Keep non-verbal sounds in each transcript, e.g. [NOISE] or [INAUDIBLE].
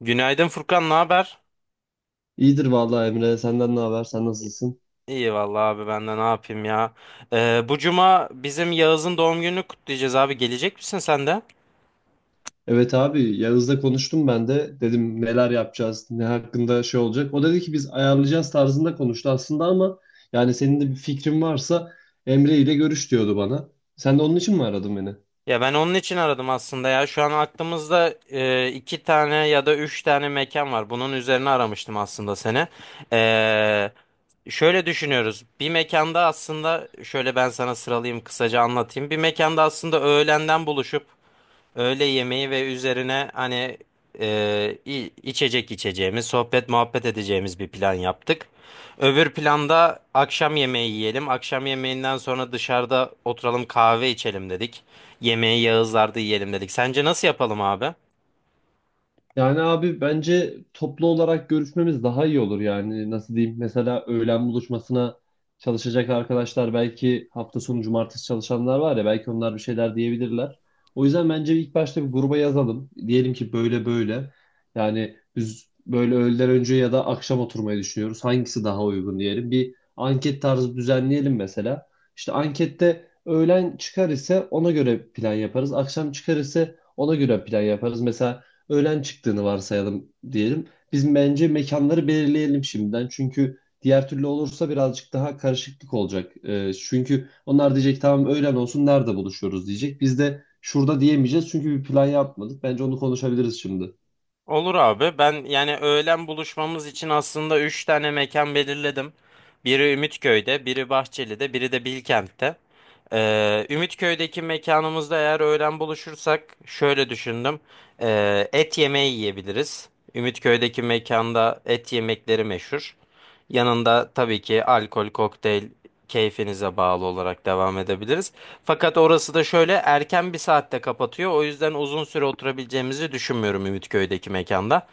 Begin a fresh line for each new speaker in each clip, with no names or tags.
Günaydın Furkan, ne haber?
İyidir vallahi Emre. Senden ne haber? Sen nasılsın?
İyi vallahi abi ben de ne yapayım ya. Bu cuma bizim Yağız'ın doğum gününü kutlayacağız abi. Gelecek misin sen de?
Evet abi Yağız'la konuştum ben de. Dedim neler yapacağız, ne hakkında şey olacak. O dedi ki biz ayarlayacağız tarzında konuştu aslında ama yani senin de bir fikrin varsa Emre ile görüş diyordu bana. Sen de onun için mi aradın beni?
Ya ben onun için aradım aslında ya. Şu an aklımızda iki tane ya da üç tane mekan var. Bunun üzerine aramıştım aslında seni. Ee, Şöyle düşünüyoruz. Bir mekanda aslında şöyle ben sana sıralayayım kısaca anlatayım. Bir mekanda aslında öğlenden buluşup öğle yemeği ve üzerine hani içecek içeceğimiz, sohbet muhabbet edeceğimiz bir plan yaptık. Öbür planda akşam yemeği yiyelim. Akşam yemeğinden sonra dışarıda oturalım kahve içelim dedik. Yemeği Yağızlar'da yiyelim dedik. Sence nasıl yapalım abi?
Yani abi bence toplu olarak görüşmemiz daha iyi olur yani nasıl diyeyim mesela öğlen buluşmasına çalışacak arkadaşlar belki hafta sonu cumartesi çalışanlar var ya belki onlar bir şeyler diyebilirler. O yüzden bence ilk başta bir gruba yazalım. Diyelim ki böyle böyle yani biz böyle öğleden önce ya da akşam oturmayı düşünüyoruz. Hangisi daha uygun diyelim. Bir anket tarzı düzenleyelim mesela. İşte ankette öğlen çıkar ise ona göre plan yaparız. Akşam çıkar ise ona göre plan yaparız. Mesela öğlen çıktığını varsayalım diyelim. Biz bence mekanları belirleyelim şimdiden. Çünkü diğer türlü olursa birazcık daha karışıklık olacak. Çünkü onlar diyecek tamam öğlen olsun nerede buluşuyoruz diyecek. Biz de şurada diyemeyeceğiz çünkü bir plan yapmadık. Bence onu konuşabiliriz şimdi.
Olur abi. Ben yani öğlen buluşmamız için aslında 3 tane mekan belirledim. Biri Ümitköy'de, biri Bahçeli'de, biri de Bilkent'te. Ümitköy'deki mekanımızda eğer öğlen buluşursak şöyle düşündüm. Et yemeği yiyebiliriz. Ümitköy'deki mekanda et yemekleri meşhur. Yanında tabii ki alkol, kokteyl keyfinize bağlı olarak devam edebiliriz. Fakat orası da şöyle erken bir saatte kapatıyor. O yüzden uzun süre oturabileceğimizi düşünmüyorum Ümitköy'deki mekanda.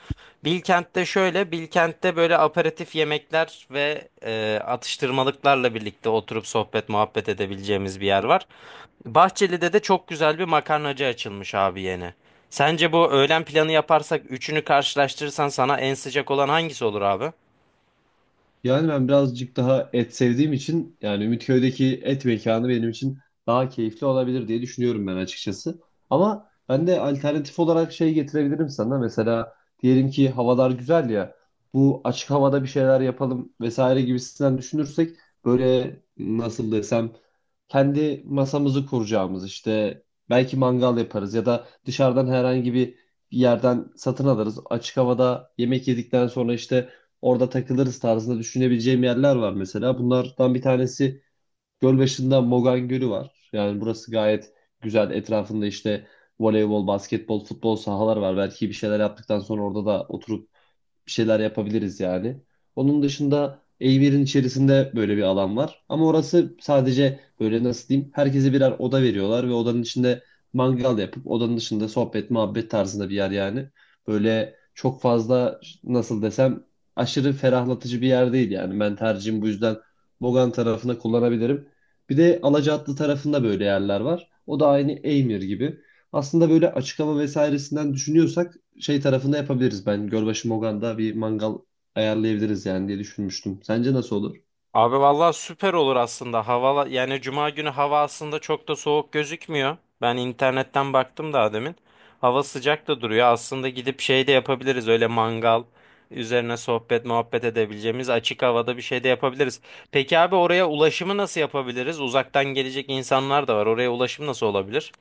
Bilkent'te şöyle, Bilkent'te böyle aperatif yemekler ve atıştırmalıklarla birlikte oturup sohbet muhabbet edebileceğimiz bir yer var. Bahçeli'de de çok güzel bir makarnacı açılmış abi yeni. Sence bu öğlen planı yaparsak üçünü karşılaştırırsan sana en sıcak olan hangisi olur abi?
Yani ben birazcık daha et sevdiğim için yani Ümitköy'deki et mekanı benim için daha keyifli olabilir diye düşünüyorum ben açıkçası. Ama ben de alternatif olarak şey getirebilirim sana. Mesela diyelim ki havalar güzel ya bu açık havada bir şeyler yapalım vesaire gibisinden düşünürsek böyle nasıl desem kendi masamızı kuracağımız işte belki mangal yaparız ya da dışarıdan herhangi bir yerden satın alırız. Açık havada yemek yedikten sonra işte orada takılırız tarzında düşünebileceğim yerler var mesela. Bunlardan bir tanesi Gölbaşı'nda Mogan Gölü var. Yani burası gayet güzel. Etrafında işte voleybol, basketbol, futbol sahalar var. Belki bir şeyler yaptıktan sonra orada da oturup bir şeyler yapabiliriz yani. Onun dışında a içerisinde böyle bir alan var. Ama orası sadece böyle nasıl diyeyim herkese birer oda veriyorlar ve odanın içinde mangal yapıp odanın dışında sohbet muhabbet tarzında bir yer yani. Böyle çok fazla nasıl desem aşırı ferahlatıcı bir yer değil yani. Ben tercihim bu yüzden Bogan tarafını kullanabilirim. Bir de Alacaatlı tarafında böyle yerler var. O da aynı Eymir gibi. Aslında böyle açık hava vesairesinden düşünüyorsak şey tarafında yapabiliriz. Ben Gölbaşı Mogan'da bir mangal ayarlayabiliriz yani diye düşünmüştüm. Sence nasıl olur?
Abi vallahi süper olur aslında. Hava yani cuma günü hava aslında çok da soğuk gözükmüyor. Ben internetten baktım daha demin. Hava sıcak da duruyor. Aslında gidip şey de yapabiliriz. Öyle mangal üzerine sohbet muhabbet edebileceğimiz açık havada bir şey de yapabiliriz. Peki abi oraya ulaşımı nasıl yapabiliriz? Uzaktan gelecek insanlar da var. Oraya ulaşım nasıl olabilir?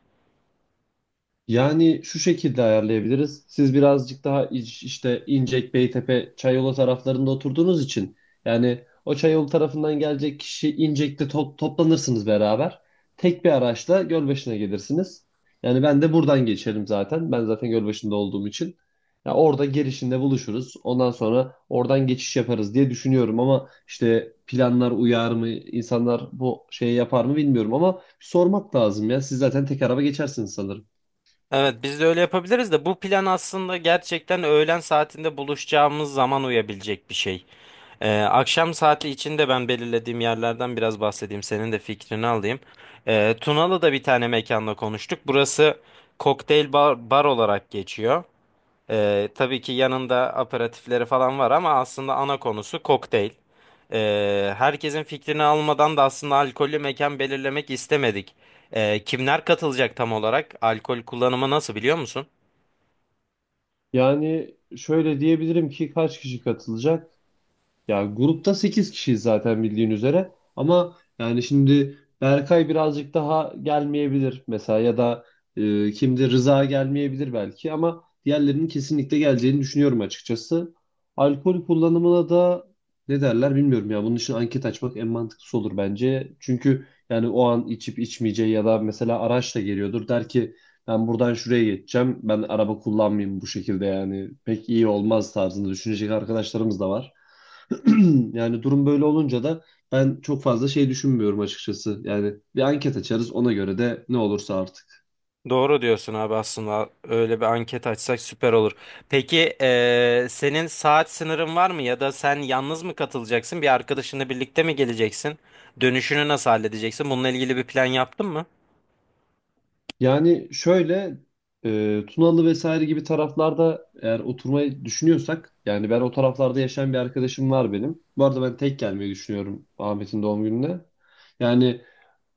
Yani şu şekilde ayarlayabiliriz. Siz birazcık daha işte İncek, Beytepe, Çayolu taraflarında oturduğunuz için yani o Çayolu tarafından gelecek kişi İncek'te toplanırsınız beraber. Tek bir araçla Gölbaşı'na gelirsiniz. Yani ben de buradan geçerim zaten. Ben zaten Gölbaşı'nda olduğum için. Ya orada girişinde buluşuruz. Ondan sonra oradan geçiş yaparız diye düşünüyorum ama işte planlar uyar mı, insanlar bu şeyi yapar mı bilmiyorum ama sormak lazım ya. Siz zaten tek araba geçersiniz sanırım.
Evet biz de öyle yapabiliriz de bu plan aslında gerçekten öğlen saatinde buluşacağımız zaman uyabilecek bir şey. Akşam saati içinde ben belirlediğim yerlerden biraz bahsedeyim. Senin de fikrini alayım. Tunalı'da bir tane mekanla konuştuk. Burası kokteyl bar, bar olarak geçiyor. Tabii ki yanında aperatifleri falan var ama aslında ana konusu kokteyl. Herkesin fikrini almadan da aslında alkollü mekan belirlemek istemedik. Kimler katılacak tam olarak? Alkol kullanımı nasıl biliyor musun?
Yani şöyle diyebilirim ki kaç kişi katılacak? Ya grupta 8 kişiyiz zaten bildiğin üzere. Ama yani şimdi Berkay birazcık daha gelmeyebilir mesela ya da kimdi Rıza gelmeyebilir belki ama diğerlerinin kesinlikle geleceğini düşünüyorum açıkçası. Alkol kullanımına da ne derler bilmiyorum ya. Bunun için anket açmak en mantıklısı olur bence. Çünkü yani o an içip içmeyeceği ya da mesela araçla geliyordur. Der ki ben buradan şuraya geçeceğim. Ben araba kullanmayayım bu şekilde yani. Pek iyi olmaz tarzında düşünecek arkadaşlarımız da var. [CLEARS THROAT] Yani durum böyle olunca da ben çok fazla şey düşünmüyorum açıkçası. Yani bir anket açarız ona göre de ne olursa artık.
Doğru diyorsun abi, aslında öyle bir anket açsak süper olur. Peki senin saat sınırın var mı ya da sen yalnız mı katılacaksın? Bir arkadaşınla birlikte mi geleceksin? Dönüşünü nasıl halledeceksin? Bununla ilgili bir plan yaptın mı?
Yani şöyle Tunalı vesaire gibi taraflarda eğer oturmayı düşünüyorsak yani ben o taraflarda yaşayan bir arkadaşım var benim. Bu arada ben tek gelmeyi düşünüyorum Ahmet'in doğum gününe. Yani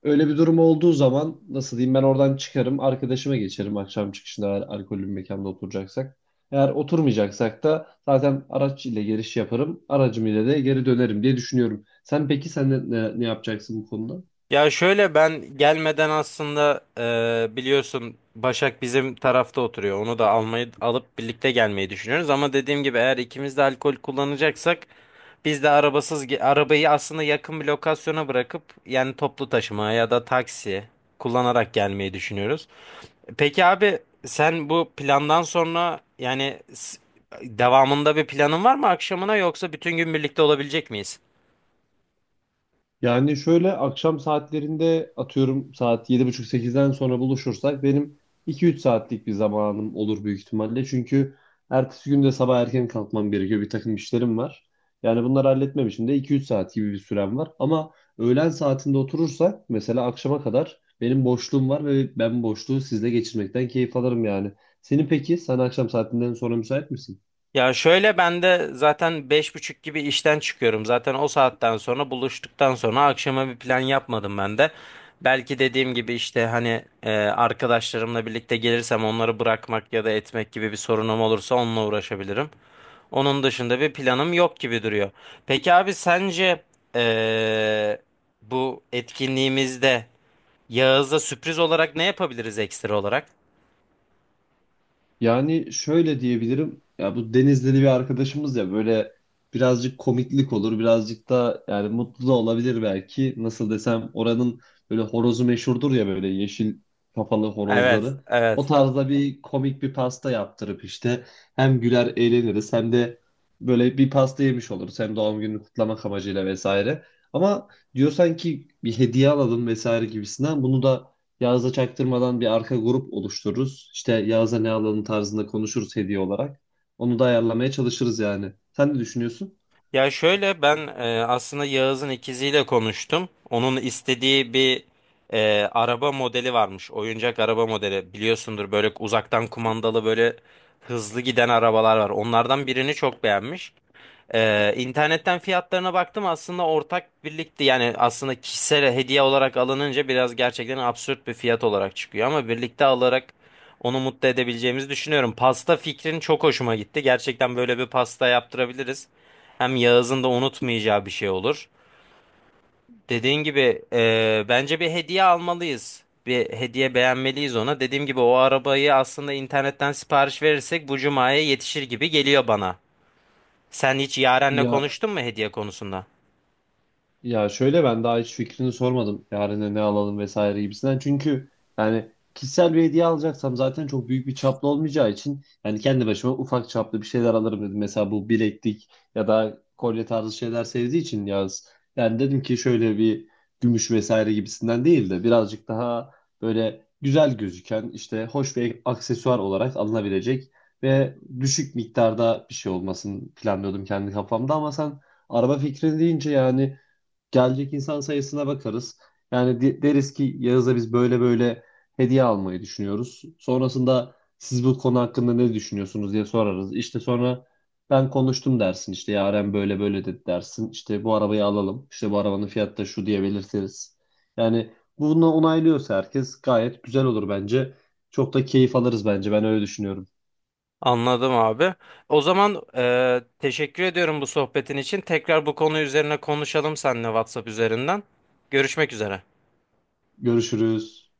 öyle bir durum olduğu zaman nasıl diyeyim ben oradan çıkarım arkadaşıma geçerim akşam çıkışında eğer alkollü bir mekanda oturacaksak. Eğer oturmayacaksak da zaten araç ile giriş yaparım aracım ile de geri dönerim diye düşünüyorum. Sen peki sen ne yapacaksın bu konuda?
Ya şöyle, ben gelmeden aslında biliyorsun Başak bizim tarafta oturuyor. Onu da almayı alıp birlikte gelmeyi düşünüyoruz. Ama dediğim gibi eğer ikimiz de alkol kullanacaksak biz de arabayı aslında yakın bir lokasyona bırakıp yani toplu taşıma ya da taksi kullanarak gelmeyi düşünüyoruz. Peki abi, sen bu plandan sonra yani devamında bir planın var mı akşamına, yoksa bütün gün birlikte olabilecek miyiz?
Yani şöyle akşam saatlerinde atıyorum saat 7:30 sekizden sonra buluşursak benim 2-3 saatlik bir zamanım olur büyük ihtimalle. Çünkü ertesi gün de sabah erken kalkmam gerekiyor. Bir takım işlerim var. Yani bunları halletmem için de 2-3 saat gibi bir sürem var. Ama öğlen saatinde oturursak mesela akşama kadar benim boşluğum var ve ben boşluğu sizle geçirmekten keyif alırım yani. Senin peki sen akşam saatinden sonra müsait misin?
Ya şöyle, ben de zaten 5.30 gibi işten çıkıyorum. Zaten o saatten sonra buluştuktan sonra akşama bir plan yapmadım ben de. Belki dediğim gibi işte hani arkadaşlarımla birlikte gelirsem onları bırakmak ya da etmek gibi bir sorunum olursa onunla uğraşabilirim. Onun dışında bir planım yok gibi duruyor. Peki abi sence e, bu etkinliğimizde Yağız'a sürpriz olarak ne yapabiliriz ekstra olarak?
Yani şöyle diyebilirim. Ya bu Denizli'li bir arkadaşımız ya böyle birazcık komiklik olur. Birazcık da yani mutlu da olabilir belki. Nasıl desem oranın böyle horozu meşhurdur ya böyle yeşil kafalı
Evet,
horozları. O
evet.
tarzda bir komik bir pasta yaptırıp işte hem güler eğleniriz hem de böyle bir pasta yemiş oluruz. Hem doğum gününü kutlamak amacıyla vesaire. Ama diyorsan ki bir hediye alalım vesaire gibisinden bunu da Yağız'a çaktırmadan bir arka grup oluştururuz. İşte Yağız'a ne alalım tarzında konuşuruz hediye olarak. Onu da ayarlamaya çalışırız yani. Sen ne düşünüyorsun?
Ya şöyle, ben aslında Yağız'ın ikiziyle konuştum. Onun istediği bir araba modeli varmış. Oyuncak araba modeli. Biliyorsundur, böyle uzaktan kumandalı böyle hızlı giden arabalar var. Onlardan birini çok beğenmiş. İnternetten fiyatlarına baktım, aslında ortak birlikte yani aslında kişisel hediye olarak alınınca biraz gerçekten absürt bir fiyat olarak çıkıyor ama birlikte alarak onu mutlu edebileceğimizi düşünüyorum. Pasta fikrin çok hoşuma gitti. Gerçekten böyle bir pasta yaptırabiliriz. Hem Yağız'ın da unutmayacağı bir şey olur. Dediğin gibi bence bir hediye almalıyız. Bir hediye beğenmeliyiz ona. Dediğim gibi o arabayı aslında internetten sipariş verirsek bu cumaya yetişir gibi geliyor bana. Sen hiç Yaren'le
Ya
konuştun mu hediye konusunda?
Ya şöyle ben daha hiç fikrini sormadım. Yarına ne alalım vesaire gibisinden. Çünkü yani kişisel bir hediye alacaksam zaten çok büyük bir çaplı olmayacağı için yani kendi başıma ufak çaplı bir şeyler alırım dedim. Mesela bu bileklik ya da kolye tarzı şeyler sevdiği için yaz. Yani dedim ki şöyle bir gümüş vesaire gibisinden değil de birazcık daha böyle güzel gözüken işte hoş bir aksesuar olarak alınabilecek ve düşük miktarda bir şey olmasını planlıyordum kendi kafamda ama sen araba fikrini deyince yani gelecek insan sayısına bakarız. Yani deriz ki Yağız'a biz böyle böyle hediye almayı düşünüyoruz. Sonrasında siz bu konu hakkında ne düşünüyorsunuz diye sorarız. İşte sonra ben konuştum dersin. İşte Yaren böyle böyle dedi dersin. İşte bu arabayı alalım. İşte bu arabanın fiyatı da şu diye belirtiriz. Yani bunu onaylıyorsa herkes gayet güzel olur bence. Çok da keyif alırız bence. Ben öyle düşünüyorum.
Anladım abi. O zaman teşekkür ediyorum bu sohbetin için. Tekrar bu konu üzerine konuşalım seninle WhatsApp üzerinden. Görüşmek üzere.
Görüşürüz.